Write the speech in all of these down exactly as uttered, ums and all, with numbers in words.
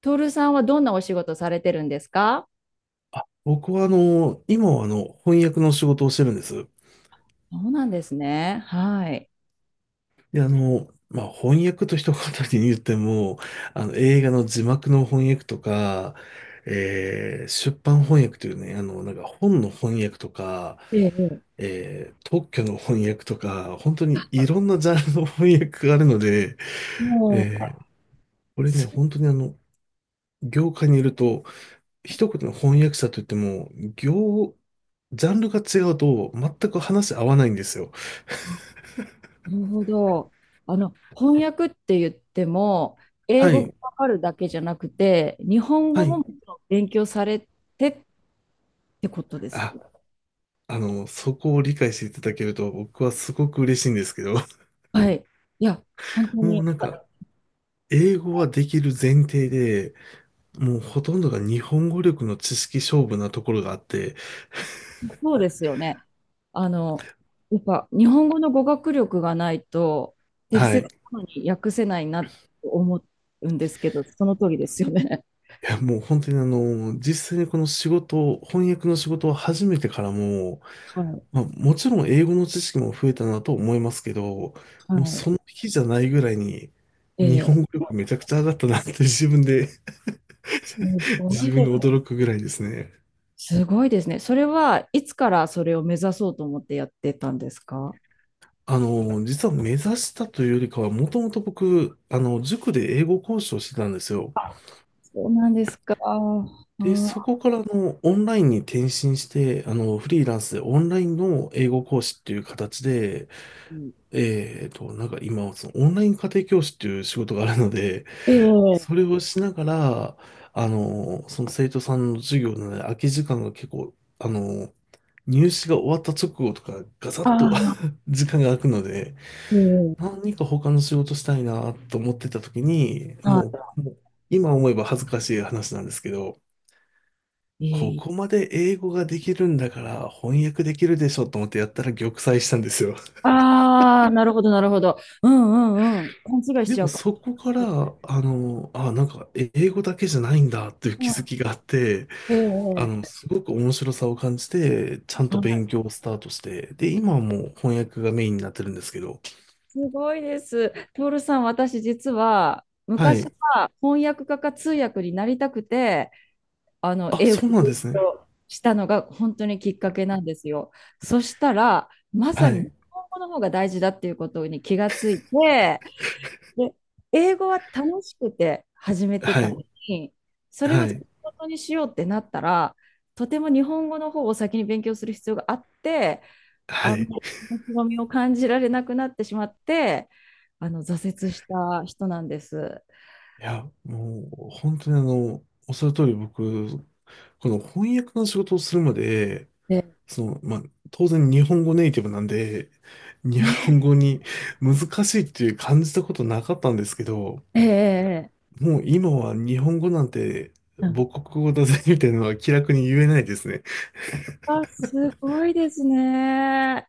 徹さんはどんなお仕事されてるんですか？僕はあの、今はあの、翻訳の仕事をしてるんです。そうなんですね。はい。で、あの、まあ、翻訳と一言に言っても、あの、映画の字幕の翻訳とか、えー出版翻訳というね、あの、なんか本の翻訳とか、ええ、えー特許の翻訳とか、本当にいろんなジャンルの翻訳があるので、もう、えーこれね、す本当にあの、業界にいると、一言の翻訳者といっても、業、ジャンルが違うと全く話合わないんですよ。なるほど。あの、翻訳って言っても、英は語がい。わかるだけじゃなくて、日本は語もい。もちろん勉強されてってことです。あ、あの、そこを理解していただけると僕はすごく嬉しいんですけど、はい。いや、本当もうに、なんか、英語はできる前提で、もうほとんどが日本語力の知識勝負なところがあって、そうですよね。あの、やっぱ、日本語の語学力がないと、適はい。切いなのに訳せないなと思うんですけど、その通りですよね。や、もう本当にあの、実際にこの仕事を、翻訳の仕事を始めてからも、はいまあ、もちろん英語の知識も増えたなと思いますけど、もうそはの日じゃないぐらいに、い。日本え語力めちゃくちゃ上がったなって自分で す ご自い、分で驚くぐらいですね。すごいですね。それはいつからそれを目指そうと思ってやってたんですか？あの、実は目指したというよりかは、もともと僕、あの、塾で英語講師をしてたんですよ。そうなんですか。あで、そこからあの、オンラインに転身して、あの、フリーランスでオンラインの英語講師っていう形で、あ、えっと、なんか今、そのオンライン家庭教師っていう仕事があるので、それをしながら、あの、その生徒さんの授業のね、空き時間が結構、あの、入試が終わった直後とか、ガサッと 時間が空くので、何か他の仕事したいなと思ってた時に、もう、もう今思えば恥ずかしい話なんですけど、ええ、ああ、ええ、こああ、えこえ、まで英語ができるんだから翻訳できるでしょと思ってやったら玉砕したんですよ。ああ、なるほど、なるほど。うんうんうん。勘違いしでちゃもうか。そこから、あの、あ、なんか英語だけじゃないんだっていうう気ん、づきがあって、えあの、え、すごく面白さを感じて、ちゃんとはい。勉強をスタートして、で、今はもう翻訳がメインになってるんですけど、すごいです。トールさん、私実はは昔い。は翻訳家か通訳になりたくて、あの、あ、英語そうをなんで勉すね。強したのが本当にきっかけなんですよ。そしたらまさはに日い。本語の方が大事だっていうことに気がついて、で、英語は楽しくて始めてはたい。のに、それをは仕い。事にしようってなったらとても日本語の方を先に勉強する必要があって、はあんい。まり面白みを感じられなくなってしまって、あの、挫折した人なんです。いや、もう、本当にあの、おっしゃる通り僕、この翻訳の仕事をするまで、で、その、まあ、当然日本語ネイティブなんで、日本ね、語に難しいっていう感じたことなかったんですけど、え、ええ、ええ、もう今は日本語なんてうん、母国語だぜみたいなのは気楽に言えないですね。いあ、すごいですね。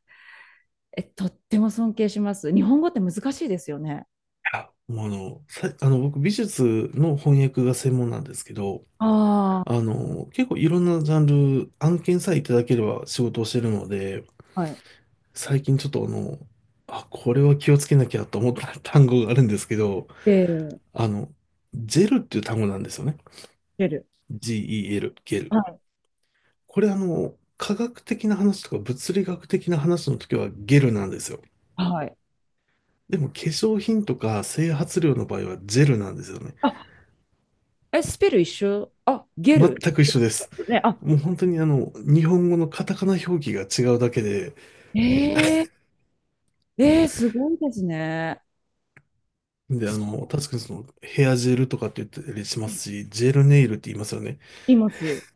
え、とっても尊敬します。日本語って難しいですよね。やもうあの、さ、あの、僕美術の翻訳が専門なんですけど、ああの、結構いろんなジャンル、案件さえいただければ仕事をしてるので、あ、はい。最近ちょっとあの、あ、これは気をつけなきゃと思った 単語があるんですけど、ゲル、あの、ジェルっていう単語なんですよね。ゲル。G-E-L、ゲル。はい。これあの、科学的な話とか物理学的な話の時はゲルなんですよ。はい。でも化粧品とか整髪料の場合はジェルなんですよね。あ、え、スペル一緒？あ、ゲル。全く一緒です。ね、あ、もう本当にあの、日本語のカタカナ表記が違うだけで、えー、えー、すごいですね。で、あその、確かにそのヘアジェルとかって言ったりしまう。すし、ジェルネイルって言いますよね。います。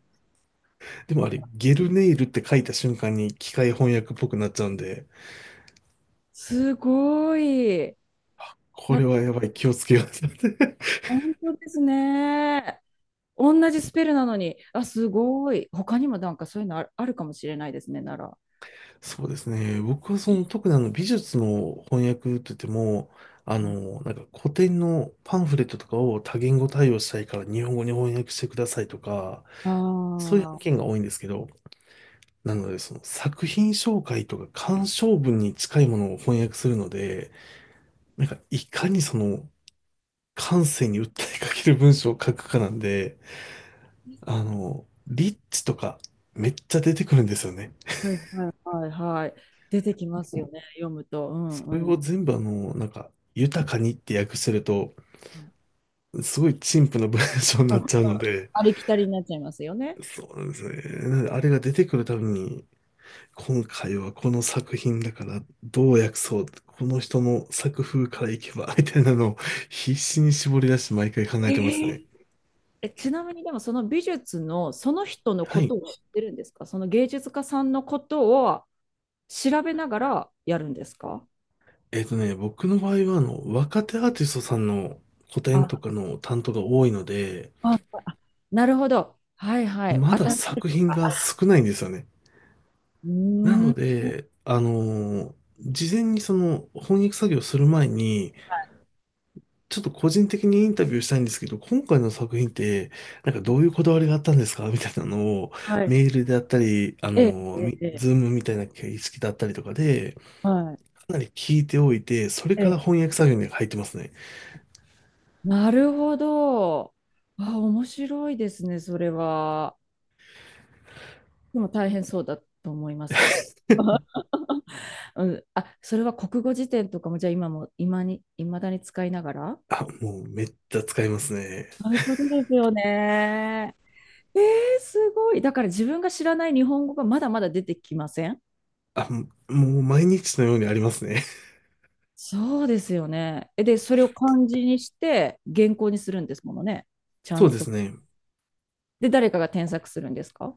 でもあれ、ゲルネイルって書いた瞬間に機械翻訳っぽくなっちゃうんで、すごい。こな、れはやばい、気をつけようってなって。本当ですね。同じスペルなのに、あ、すごい。他にもなんかそういうのある、あるかもしれないですね、なら。そうですね。僕はその特にあの美術の翻訳って言っても、あうん、の、なんか古典のパンフレットとかを多言語対応したいから日本語に翻訳してくださいとか、あそういう案あ。件が多いんですけど、なのでその作品紹介とか鑑賞文に近いものを翻訳するので、なんかいかにその感性に訴えかける文章を書くかなんで、あの、リッチとかめっちゃ出てくるんですよね。はいはいはいはい。出てきますよね、読むと。うんそれうをん。全部あの、なんか、豊かにって訳してると、うんすごい陳腐な文章になうん、っちゃうので、ありきたりになっちゃいますよね。そうなんですね。なのであれが出てくるたびに、今回はこの作品だからどう訳そう、この人の作風からいけば、みたいなのを必死に絞り出して毎回考ええてますね。ー、え、ちなみにでもその美術のその人のはこい。とを知ってるんですか？その芸術家さんのことを調べながらやるんですか？えっとね、僕の場合はあの、若手アーティストさんの個展とあ、かの担当が多いので、あ、あ、なるほど。はいはい。ま当ただったい作と品か、が少ないんですよね。うなーのん。で、あのー事前にその翻訳作業する前に、ちょっと個人的にインタビューしたいんですけど、今回の作品って、なんかどういうこだわりがあったんですかみたいなのを、はい。メールであったり、あええ、のーええ、みえズーえ、ムみたいな形式だったりとかで、はい。かなり聞いておいて、それえからえ、翻訳作業に入ってますね。なるほど。あ、面白いですね、それは。でも大変そうだと思いますけど。うん、あ、それは国語辞典とかも、じゃあ今も、今に、いまだに使いながらあ、もうめっちゃ使いますね。そういうことですよね。えー、すごい。だから自分が知らない日本語がまだまだ出てきません？あ、もう毎日のようにありますね。そうですよね。え、で、それを漢字にして原稿にするんですものね。ち ゃそんうでと。すね。で、誰かが添削するんですか？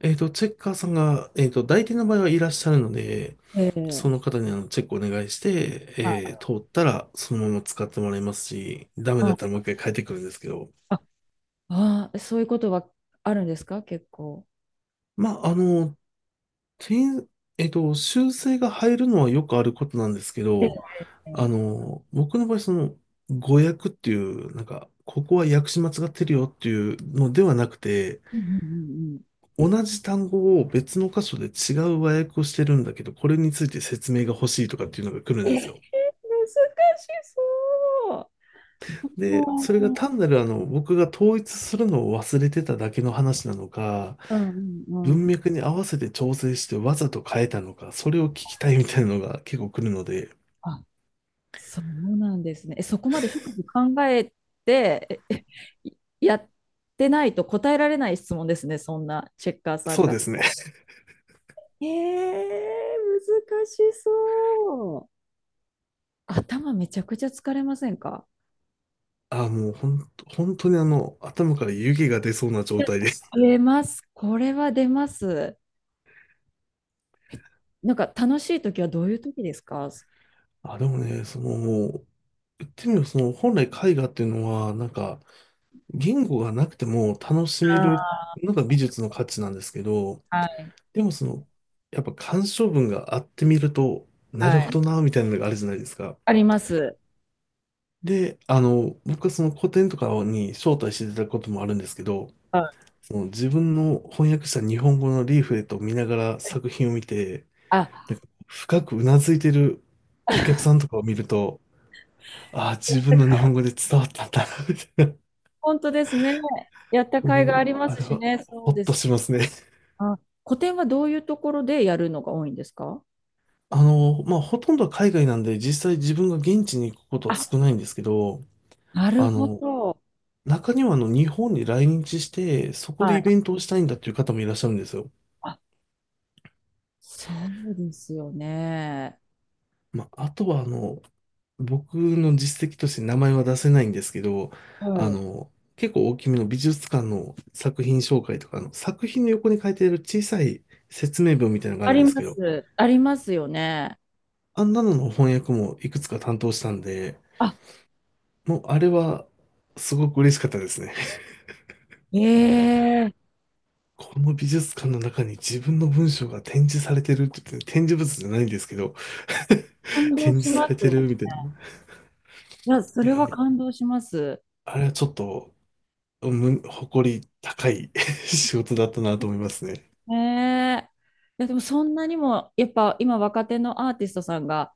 えっと、チェッカーさんが、えっと、代理店の場合はいらっしゃるので、えそー、の方にあのチェックお願いして、あ、えー通ったらそのまま使ってもらいますし、ダメだったらあもう一回変えてくるんですけど、あ、あ、そういうことはあるんですか、結構。まあ、あの、点、えっと、修正が入るのはよくあることなんですけえど、え、あうんの、僕の場合、その、誤訳っていう、なんか、ここは訳し間違ってるよっていうのではなくて、うんうんうん、同じ単語を別の箇所で違う和訳をしてるんだけど、これについて説明が欲しいとかっていうのが来るえんー、で難すしよ。そう。で、それがうん、単なるあの、僕が統一するのを忘れてただけの話なのか、うん、う文ん。脈に合わせて調整してわざと変えたのか、それを聞きたいみたいなのが結構来るので、あ、そうなんですね。え、そこまで深く考えて、ええ、やってないと答えられない質問ですね、そんなチェッカーさんそうかでら。すね。えー、難しそう。頭めちゃくちゃ疲れませんか？あ、もうほん、本当にあの、頭から湯気が出そうな状態です。出ます。これは出ます。なんか楽しい時はどういう時ですか？あー、あ、でもね、そのもう、言ってみればその本来絵画っていうのは、なんか、言語がなくても楽しめるのが美術の価値なんですけど、はい。でもその、やっぱ鑑賞文があってみると、なはるほどい。な、みたいなのがあるじゃないですか。あります。で、あの、僕はその古典とかに招待していただくこともあるんですけど、はい、その自分の翻訳した日本語のリーフレットを見ながら作品を見て、あ、なんか深くうなずいてるお客さんとかを見ると、ああ、自分の日本語で伝わったんだな、みたいな。本当ですね。やった甲斐があもりう、まあすれしは、ね、そほうっでとす。しますね。あ、個展はどういうところでやるのが多いんですか？あの、まあ、ほとんどは海外なんで、実際自分が現地に行くことはあ、少ないんですけど、なるあほの、ど。中にはあの、日本に来日して、そこはでイい。ベントをしたいんだっていう方もいらっしゃるんですよ。あ、そうですよね。まあ、あとはあの、僕の実績として名前は出せないんですけど、あはい。の、結構大きめの美術館の作品紹介とか、あの、作品の横に書いてある小さい説明文みたいなのがああるんりですまけど、す。ありますよね。あんなのの翻訳もいくつか担当したんで、あ、もうあれはすごく嬉しかったですね。ええ、この美術館の中に自分の文章が展示されてるって言って、展示物じゃないんですけど、感動展し示さまれす。ているみたいな。や、そいれや、はもう感動します。あれはちょっと、む誇り高い 仕事だったなと思いますね。ええ。いや、でもそんなにも、やっぱ今若手のアーティストさんが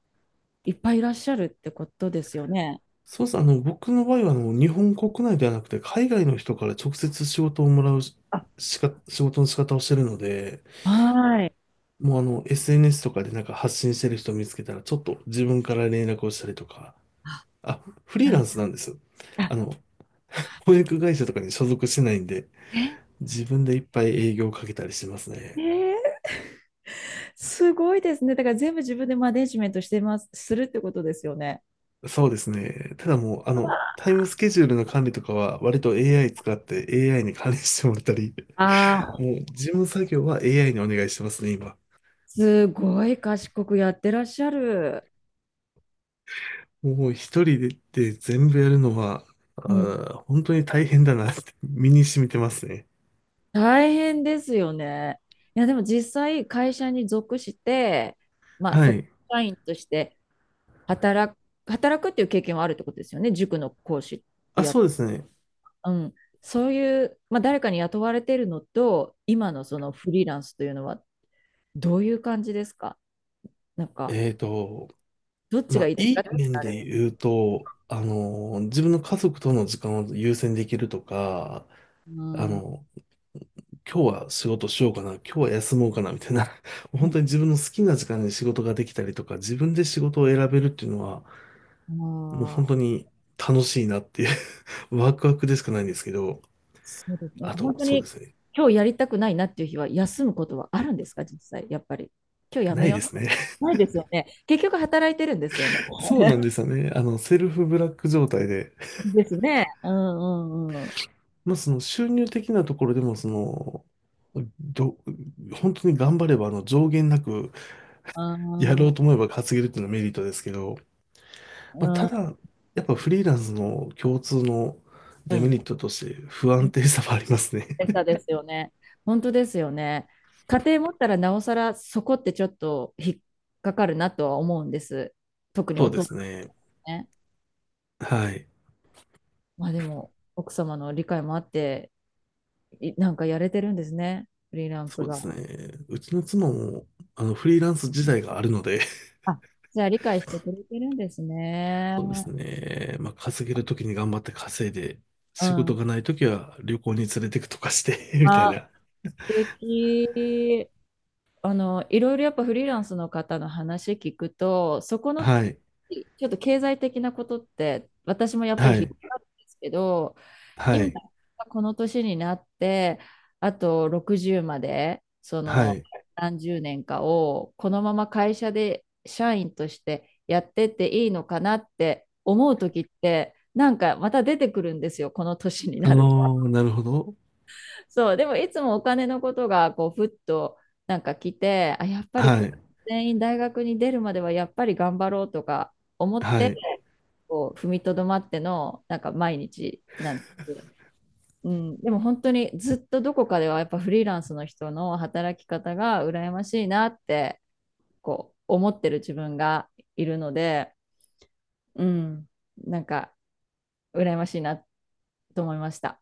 いっぱいいらっしゃるってことですよね。そうです。あの、僕の場合は、あの、日本国内ではなくて、海外の人から直接仕事をもらうしあ、しか、仕事の仕方をしてるので、はい。もうあの、エスエヌエス とかでなんか発信してる人を見つけたら、ちょっと自分から連絡をしたりとか、あ、フリーランスなんですよ。あ、あの、翻訳会社とかに所属してないんで、え、自分でいっぱい営業をかけたりしてますね、ね。え、すごいですね。だから全部自分でマネジメントしてます、するってことですよね。そうですね。ただもう、あの、タイムスケジュールの管理とかは、割と エーアイ 使って エーアイ に管理してもらったり、ああ、もう事務作業は エーアイ にお願いしてますね、今。すごい賢くやってらっしゃる。もう一人で、で全部やるのは、あうん。ー、本当に大変だなって 身に染みてますね。大変ですよね。いや、でも実際会社に属して、まあ、はそこい。社員として働く、働くっていう経験はあるってことですよね。塾の講師をあ、や、そうですね。うん。そういう、まあ、誰かに雇われてるのと、今のそのフリーランスというのはどういう感じですか？なんか、えっと、どっちまがいあ、いですいかっいて言っ面たらあでれ。言うと、あの、自分の家族との時間を優先できるとか、うあん、うの、今日は仕事しようかな、今日は休もうかな、みたいな、もう本当にん、自分の好きな時間に仕事ができたりとか、自分で仕事を選べるっていうのは、もうま本当あ、に楽しいなっていう ワクワクでしかないんですけど、そうですね。あ本と、当そうでにすね。今日やりたくないなっていう日は休むことはあるんですか、実際、やっぱり。今日やなめいよですね。う。ないですよね。結局働いてるんですよね。そうなんで すよね。あの、セルフブラック状態で。ですね。うんうんうん。まあ、その収入的なところでも、その、ど、本当に頑張れば、あの、上限なくあやろー、うと思えば稼げるっていうのはメリットですけど、まあ、ただ、やっぱフリーランスの共通のうデメんリットとして不う安ん。定さはありますね。餌ですよね。本当ですよね。家庭持ったらなおさらそこってちょっと引っかかるなとは思うんです。特 にそおうで父さすね。ん、ね。はい。まあでも、奥様の理解もあっていなんかやれてるんですね。フリーランそスうでが。すね。うちの妻も、あの、フリーランス自体があるので、あ、じゃあ理解してくれてるんですね。そうですね。まあ、稼げるときに頑張って稼いで、う仕事ん。がないときは旅行に連れてくとかして みたいあ、な。素敵。あの、いろいろやっぱフリーランスの方の話聞くと、そこのはい。ちょっと経済的なことって私もやっぱりは引っい。かかるんですけど、は今、い。この年になって、あとろくじゅうまで、そはのい。何十年かを、このまま会社で社員としてやってっていいのかなって思う時って、なんかまた出てくるんですよ、この年にあなると。のーなるほど。そう、でもいつもお金のことが、こう、ふっとなんか来て、あ、やっぱりはこい。れ全員大学に出るまではやっぱり頑張ろうとか思っはて、い。こう踏みとどまっての、なんか毎日なんです。うん、でも本当にずっとどこかではやっぱフリーランスの人の働き方が羨ましいなってこう思ってる自分がいるので、うん、なんか羨ましいなと思いました。